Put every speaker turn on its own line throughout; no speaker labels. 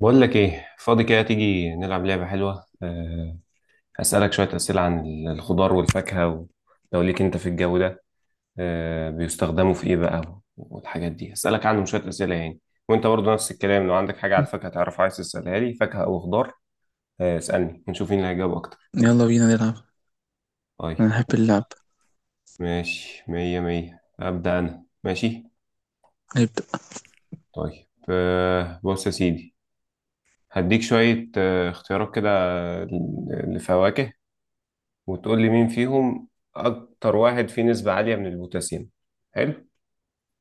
بقول لك ايه فاضي كده تيجي نلعب لعبة حلوة أه. هسألك شوية أسئلة عن الخضار والفاكهة لو ليك انت في الجو ده أه بيستخدموا في ايه بقى، والحاجات دي هسألك عنهم شوية أسئلة يعني. وانت برضو نفس الكلام، لو عندك حاجة على الفاكهة تعرف عايز تسألها لي، فاكهة او خضار. اسألني ونشوف مين اللي هيجاوب اكتر.
يلا بينا نلعب. انا
طيب
بحب اللعب.
ماشي، مية مية، أبدأ انا. ماشي
نبدأ.
طيب أه، بص يا سيدي. هديك شوية اختيارات كده. آه، لفواكه، وتقول لي مين فيهم اكتر واحد فيه نسبة عالية من البوتاسيوم. حلو.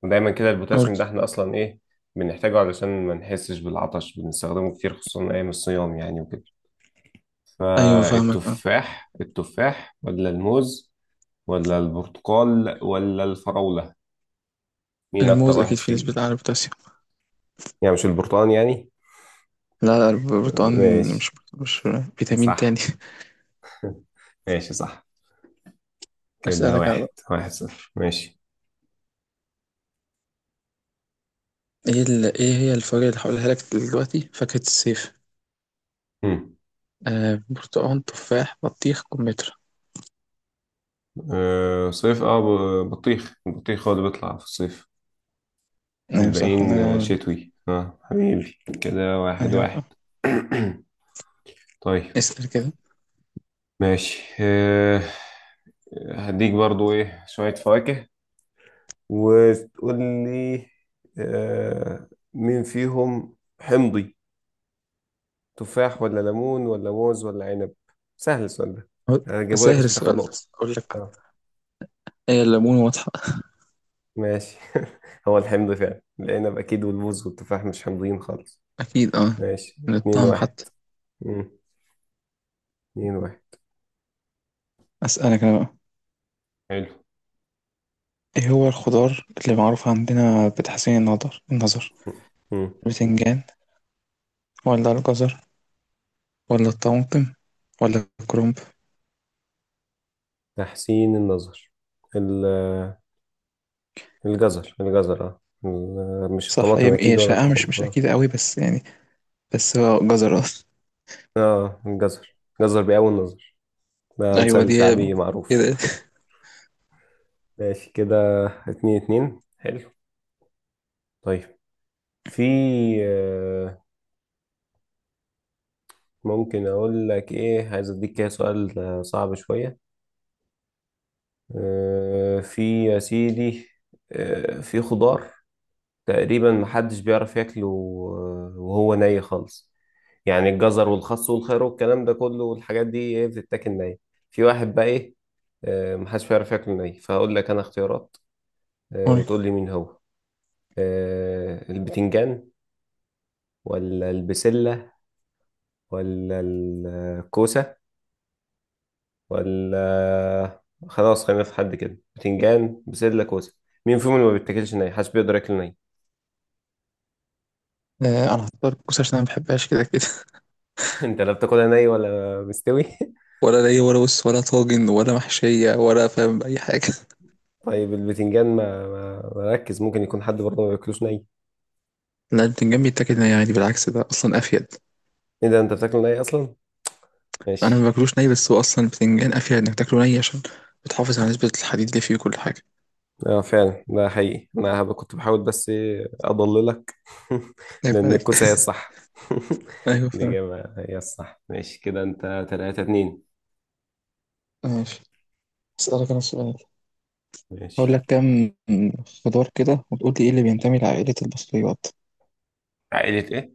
ودايما كده
أقول.
البوتاسيوم ده احنا اصلا ايه بنحتاجه؟ علشان ما نحسش بالعطش، بنستخدمه كتير خصوصا ايام الصيام يعني وكده.
ايوه، فاهمك، اه.
فالتفاح ولا الموز ولا البرتقال ولا الفراولة، مين اكتر
الموز
واحد
اكيد فيه نسبة
فيه؟
اعلى بوتاسيوم.
يعني مش البرتقال يعني؟
لا، البروتون.
ماشي.
مش فيتامين تاني.
صح ماشي صح. كده
اسألك انا
واحد
بقى.
واحد صفر. ماشي.
ايه هي الفواكه اللي هقولها لك دلوقتي؟ فاكهة الصيف.
مم.
آه، برتقال، تفاح، بطيخ، كمثرى.
أه صيف اه، بطيخ، البطيخ هو اللي بيطلع في الصيف.
ايوه صح، الله
الباقيين
ينور عليك.
شتوي اه. حبيبي كده واحد
ايوه
واحد.
فاهم.
طيب
اسأل كده.
ماشي هديك برضو ايه شوية فواكه وتقول لي آه، مين فيهم حمضي. تفاح ولا ليمون ولا موز ولا عنب؟ سهل السؤال ده،
هو-
انا جايبه لك
سهل
عشان تاخد
السؤال ده.
نقطة.
اقول لك
اه
ايه، الليمون واضحة.
ماشي. هو الحمض فعلا العنب اكيد، والموز والتفاح مش حمضيين خالص.
اكيد اه،
ماشي
من
اتنين
الطعم
واحد.
حتى.
مم. اتنين واحد.
اسألك انا بقى.
حلو.
ايه هو الخضار اللي معروف عندنا بتحسين النظر النظر؟
مم.
البتنجان ولا الجزر ولا الطماطم ولا الكرنب؟
تحسين النظر، ال- الجزر اه، مش
صح.
الطماطم
هي
اكيد
هي
ولا
شائعة، مش
الكرنب
مش
اه.
أكيدة قوي بس يعني. بس هو جزر أصلا.
الجزر بيقوي النظر، ده
أيوة
مثال
دي
شعبي معروف.
كده.
ماشي كده اتنين اتنين. حلو طيب. في آه، ممكن اقول لك ايه، عايز اديك كده سؤال صعب شوية. في يا سيدي في خضار تقريبا محدش بيعرف ياكله وهو ني خالص. يعني الجزر والخس والخيار والكلام ده كله والحاجات دي ايه بتتاكل ني، في واحد بقى ايه محدش بيعرف ياكله ني. فهقول لك انا اختيارات
قول.
وتقول لي مين هو. البتنجان ولا البسلة ولا الكوسة ولا، خلاص خلينا في حد كده، بتنجان بسلة كوسة، مين فيهم اللي ما بيتاكلش ني، محدش بيقدر ياكل ني؟
أنا هختار الكوسة عشان أنا مبحبهاش كده كده.
انت لا بتاكلها ني ولا مستوي.
ولا ليا ولا بص ولا طاجن ولا محشية، ولا فاهم أي حاجة.
طيب البتنجان ما ركز، ممكن يكون حد برضه ما بياكلوش ني.
لا، البتنجان بيتاكل ني عادي، بالعكس ده أصلا أفيد.
ايه ده، انت بتاكله ني اصلا؟
أنا ما
ماشي.
باكلوش ني، بس هو أصلا البتنجان أفيد إنك تاكله ني عشان بتحافظ على نسبة الحديد اللي فيه وكل حاجة.
اه فعلا ده حقيقي، انا كنت بحاول بس إيه اضللك.
عيب
لان
عليك.
الكوسه هي الصح.
أيوة فاهم.
الاجابه هي الصح. ماشي كده، انت 3 2
ماشي. أسألك أنا سؤال.
ماشي.
هقول لك كام خضار كده وتقول لي ايه اللي بينتمي لعائلة البصليات؟
عائلة ايه؟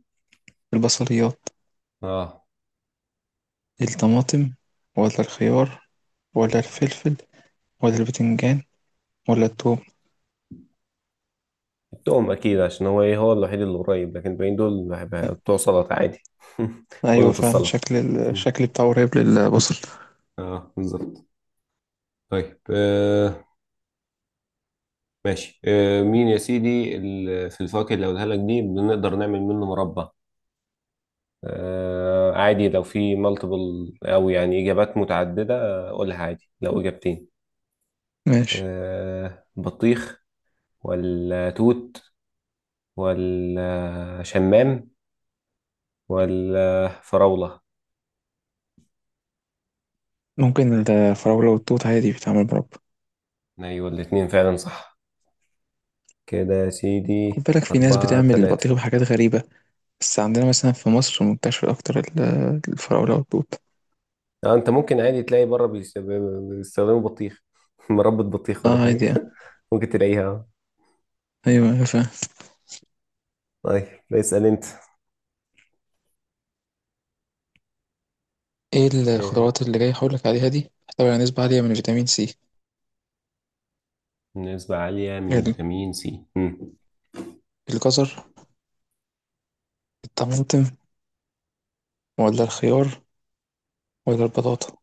البصليات.
اه.
الطماطم ولا الخيار ولا الفلفل ولا البتنجان ولا الثوم؟
التوم اكيد، عشان هو ايه، هو الوحيد اللي قريب، لكن الباقيين دول بتوع سلطه عادي. كلهم
ايوه
في
فعلا،
السلطه.
شكل الشكل بتاعه قريب للبصل.
اه بالظبط. طيب ماشي مين يا سيدي، في الفواكه اللي هقولها لك دي بنقدر نعمل منه مربى. عادي لو في مالتيبل، او يعني اجابات متعدده، قولها عادي لو اجابتين.
ماشي.
بطيخ ولا توت ولا شمام ولا فراوله؟
ممكن الفراولة والتوت، عادي بيتعمل مربى.
ايوه الاتنين فعلا صح. كده يا
خد
سيدي
بالك في ناس
أربعة
بتعمل
تلاتة.
بطيخ بحاجات غريبة. بس عندنا مثلا في مصر منتشر اكتر الفراولة والتوت.
انت ممكن عادي تلاقي بره بيستخدموا بطيخ، مربى بطيخ
اه
ولا حاجه.
عادي آه.
ممكن تلاقيها.
ايوه أيوة، فاهم.
طيب اسأل انت.
ايه
إيه،
الخضروات اللي جاي هقول لك عليها دي بتحتوي على نسبة عالية من فيتامين سي؟
نسبة عالية من فيتامين سي.
الجزر، الطماطم، ولا الخيار ولا البطاطا؟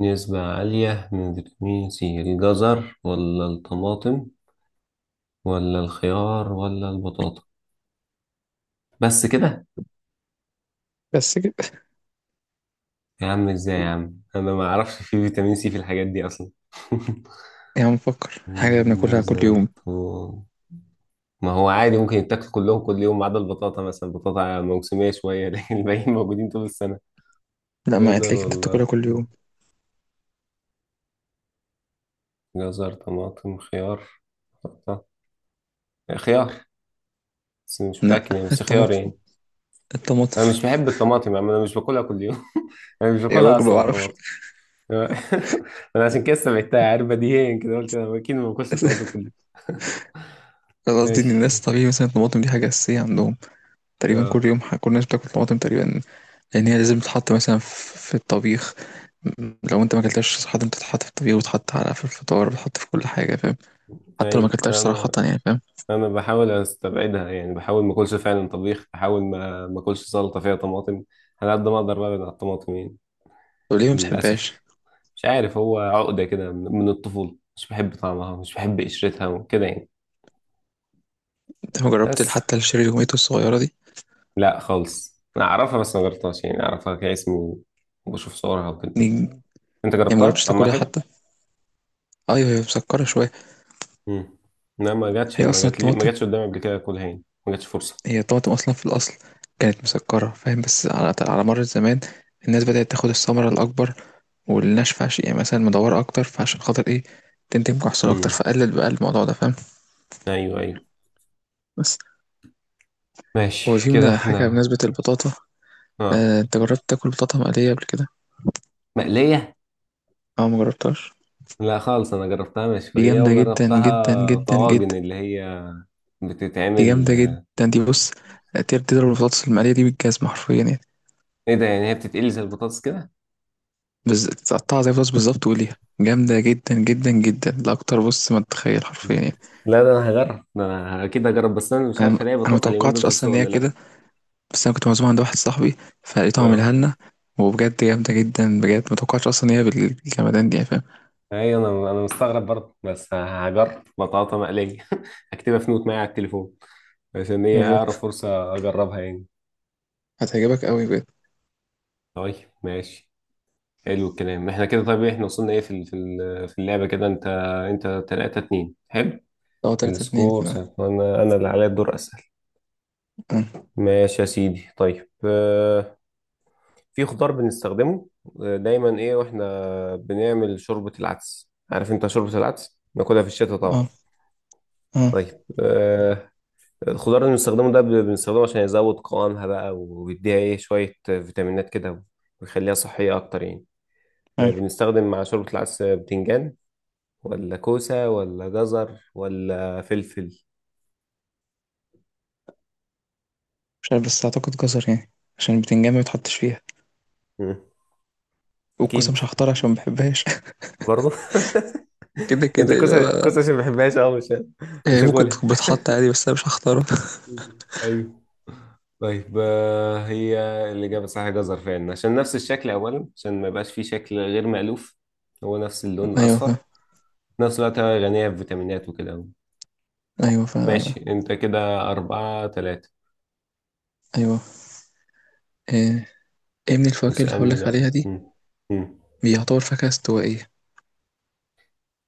نسبة عالية من فيتامين سي، الجزر ولا الطماطم ولا الخيار ولا البطاطا، بس كده؟
بس كده.
يا عم ازاي يا عم، انا ما اعرفش في فيتامين سي في الحاجات دي اصلا.
يا عم فكر حاجة بناكلها كل
جزر
يوم.
طماطم، ما هو عادي ممكن يتاكل كلهم كل يوم، ما عدا البطاطا مثلا، البطاطا موسمية شوية لكن الباقيين موجودين طول السنة.
لا، ما
جزر
هتلاقيك انت
ولا
بتاكلها كل يوم.
طماطم؟ جزر طماطم خيار بطاطا، خيار، بس مش
لا،
متأكد يعني، بس خيار
الطماطم،
يعني.
الطماطم.
أنا مش بحب الطماطم يعني، أنا مش باكلها كل يوم. أنا مش
يا
باكلها
راجل ما
أصلا
بعرفش.
الطماطم. أنا عشان كده استبعدتها، عارف بديهيا كده قلت أنا أكيد ما باكلش الطماطم كل يوم.
أنا قصدي ان الناس
ماشي
طبيعي مثلا الطماطم دي حاجة أساسية عندهم. تقريبا كل
أه.
يوم، كل الناس بتاكل طماطم تقريبا. لأن هي لازم تتحط مثلا في الطبيخ. لو انت ما اكلتهاش صراحة، بتتحط في الطبيخ وتتحط على في الفطار، بتتحط في كل حاجة، فاهم. حتى لو ما
أيوه
اكلتهاش صراحة
أنا،
يعني، فاهم.
أنا بحاول أستبعدها يعني، بحاول ما أكلش فعلا طبيخ، بحاول ما أكلش سلطة فيها طماطم، على قد ما أقدر ببعد عن الطماطم يعني.
طب ليه ما بتحبهاش؟
للأسف مش عارف، هو عقدة كده من الطفولة، مش بحب طعمها، مش بحب قشرتها وكده يعني.
انت ما جربت
بس
حتى الشيري الهوميتو الصغيرة دي؟
لا خالص، انا اعرفها بس ما جربتهاش يعني، اعرفها كاسم وبشوف صورها وكده.
دي
انت
يعني
جربتها
مجربتش
طعمها
تاكلها
حلو؟
حتى. ايوه هي مسكره شويه.
امم. لا ما جاتش،
هي
ما
اصلا
جات لي، ما
الطماطم،
جاتش قدامي قبل كده اكلها يعني، ما جاتش فرصه.
هي الطماطم اصلا في الاصل كانت مسكره، فاهم. بس على مر الزمان الناس بدات تاخد الثمره الاكبر والناشفه، عشان يعني مثلا مدوره اكتر، فعشان خاطر ايه، تنتج محصول اكتر،
امم
فقلل بقى الموضوع ده، فاهم.
ايوه ايوه.
بس هو
ماشي
في
كده
هنا حاجه
احنا.
بمناسبه البطاطا.
اه.
انت جربت تاكل بطاطا مقليه قبل كده؟
مقليه؟
اه مجربتهاش.
لا خالص انا جربتها
دي
مشويه،
جامده جدا جدا
وجربتها
جدا
طواجن
جدا.
اللي هي
دي
بتتعمل.
جامده جدا، دي بص تقدر تضرب البطاطس المقليه دي بالجزمه حرفيا يعني.
ايه ده يعني، هي بتتقلي زي البطاطس كده؟
تقطعها زي الفلوس بالظبط، وقليها جامدة جدا جدا جدا لأكتر بص ما تتخيل، حرفيا يعني.
لا ده انا هجرب، ده انا اكيد هجرب، بس انا مش
أنا
عارف الاقي
أنا
بطاطا اليومين دول
متوقعتش
في
أصلا
السوق
إن هي
ولا لا.
كده. بس أنا كنت معزوم عند واحد صاحبي، فلقيته عاملها
اه.
لنا. وبجد جامدة جدا، بجد متوقعتش أصلا إن هي بالجمدان دي يعني، فاهم.
اي انا، انا مستغرب برضه، بس هجرب بطاطا مقليه. هكتبها في نوت معايا على التليفون، عشان هي
جرب،
اقرب فرصه اجربها يعني.
هتعجبك أوي بجد.
طيب ماشي. حلو الكلام احنا كده. طيب إيه، احنا وصلنا ايه في في في اللعبه كده انت، انت 3 2. حلو
لو تلاتة اتنين
السكور
كده.
سهل. انا اللي عليا الدور اسال.
اه،
ماشي يا سيدي طيب، في خضار بنستخدمه دايما ايه، واحنا بنعمل شوربه العدس، عارف انت شوربه العدس ناكلها في الشتاء طبعا.
اه، آه،
طيب الخضار اللي بنستخدمه ده بنستخدمه عشان يزود قوامها بقى، ويديها ايه شوية فيتامينات كده، ويخليها صحية أكتر يعني.
عارف.
بنستخدم مع شوربة العدس بتنجان، ولا كوسة، ولا جزر، ولا فلفل؟
مش عارف بس أعتقد جزر يعني، عشان البتنجان ما بتحطش فيها،
مم.
والكوسة
أكيد
مش هختارها عشان ما بحبهاش.
برضه.
كده
أنت
كده يبقى
كوسة عشان ما بحبهاش أه مش،
يعني
مش
ممكن
هاكلها.
تكون بتحط عادي بس أنا مش هختارها.
ايوه. طيب هي الإجابة صح، جزر فعلا عشان نفس الشكل أولا، عشان ما يبقاش فيه شكل غير مألوف، هو نفس اللون
أيوه فاهم.
الأصفر. في نفس الوقت هي غنية بفيتامينات وكده.
أيوه فاهم.
ماشي انت كده أربعة تلاتة.
أيوه. إيه. ايه من الفواكه اللي
اسألني
هقولك عليها
بقى.
دي
مم. مم.
بيعتبر فاكهة استوائية؟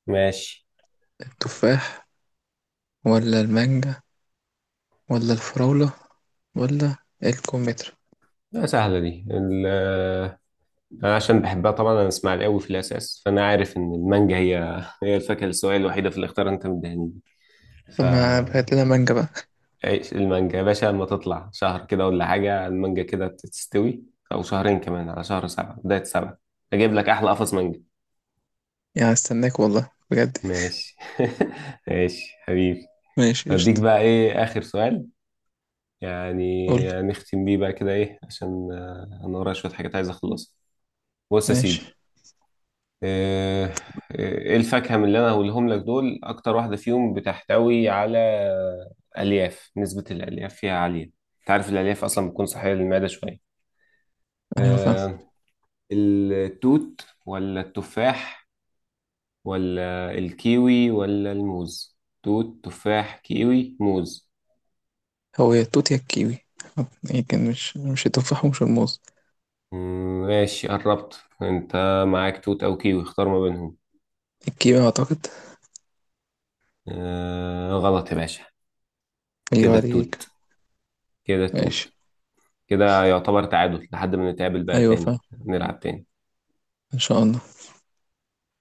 ماشي.
التفاح ولا المانجا ولا الفراولة ولا الكمثرى؟
لا سهلة دي أنا عشان بحبها طبعا، أنا إسماعيلاوي قوي في الأساس، فأنا عارف إن المانجا هي الفاكهة السوائل الوحيدة في الاختيار اللي أنت مديهاني. ف
طب بقت لنا مانجا بقى.
عيش المانجا يا باشا لما تطلع شهر كده ولا حاجة، المانجا كده تستوي، أو شهرين كمان، على شهر سبعة، بداية سبعة، أجيب لك أحلى قفص مانجا.
يعني استناك والله بجد.
ماشي. ماشي حبيبي.
ماشي
أديك
قشطة.
بقى إيه آخر سؤال
قولي.
يعني، نختم بيه بقى كده ايه، عشان انا ورايا شويه حاجات عايز اخلصها. بص يا
ماشي.
سيدي آه، آه، ايه الفاكهه من اللي انا هقولهم لك دول اكتر واحده فيهم بتحتوي على الياف، نسبه الالياف فيها عاليه؟ انت عارف الالياف اصلا بتكون صحيه للمعده شويه.
ايوه فاهم.
آه، التوت ولا التفاح ولا الكيوي ولا الموز، توت تفاح كيوي موز؟
هو يا التوت يا الكيوي. يمكن مش التفاح ومش الموز.
مم، ماشي قربت انت، معاك توت او كيوي، اختار ما بينهم.
الكيوي اعتقد.
آه غلط يا باشا،
ايوه
كده
عليك.
التوت، كده
ماشي.
التوت. كده يعتبر تعادل، لحد ما نتقابل بقى
ايوه
تاني
فاهم.
نلعب تاني.
ان شاء الله.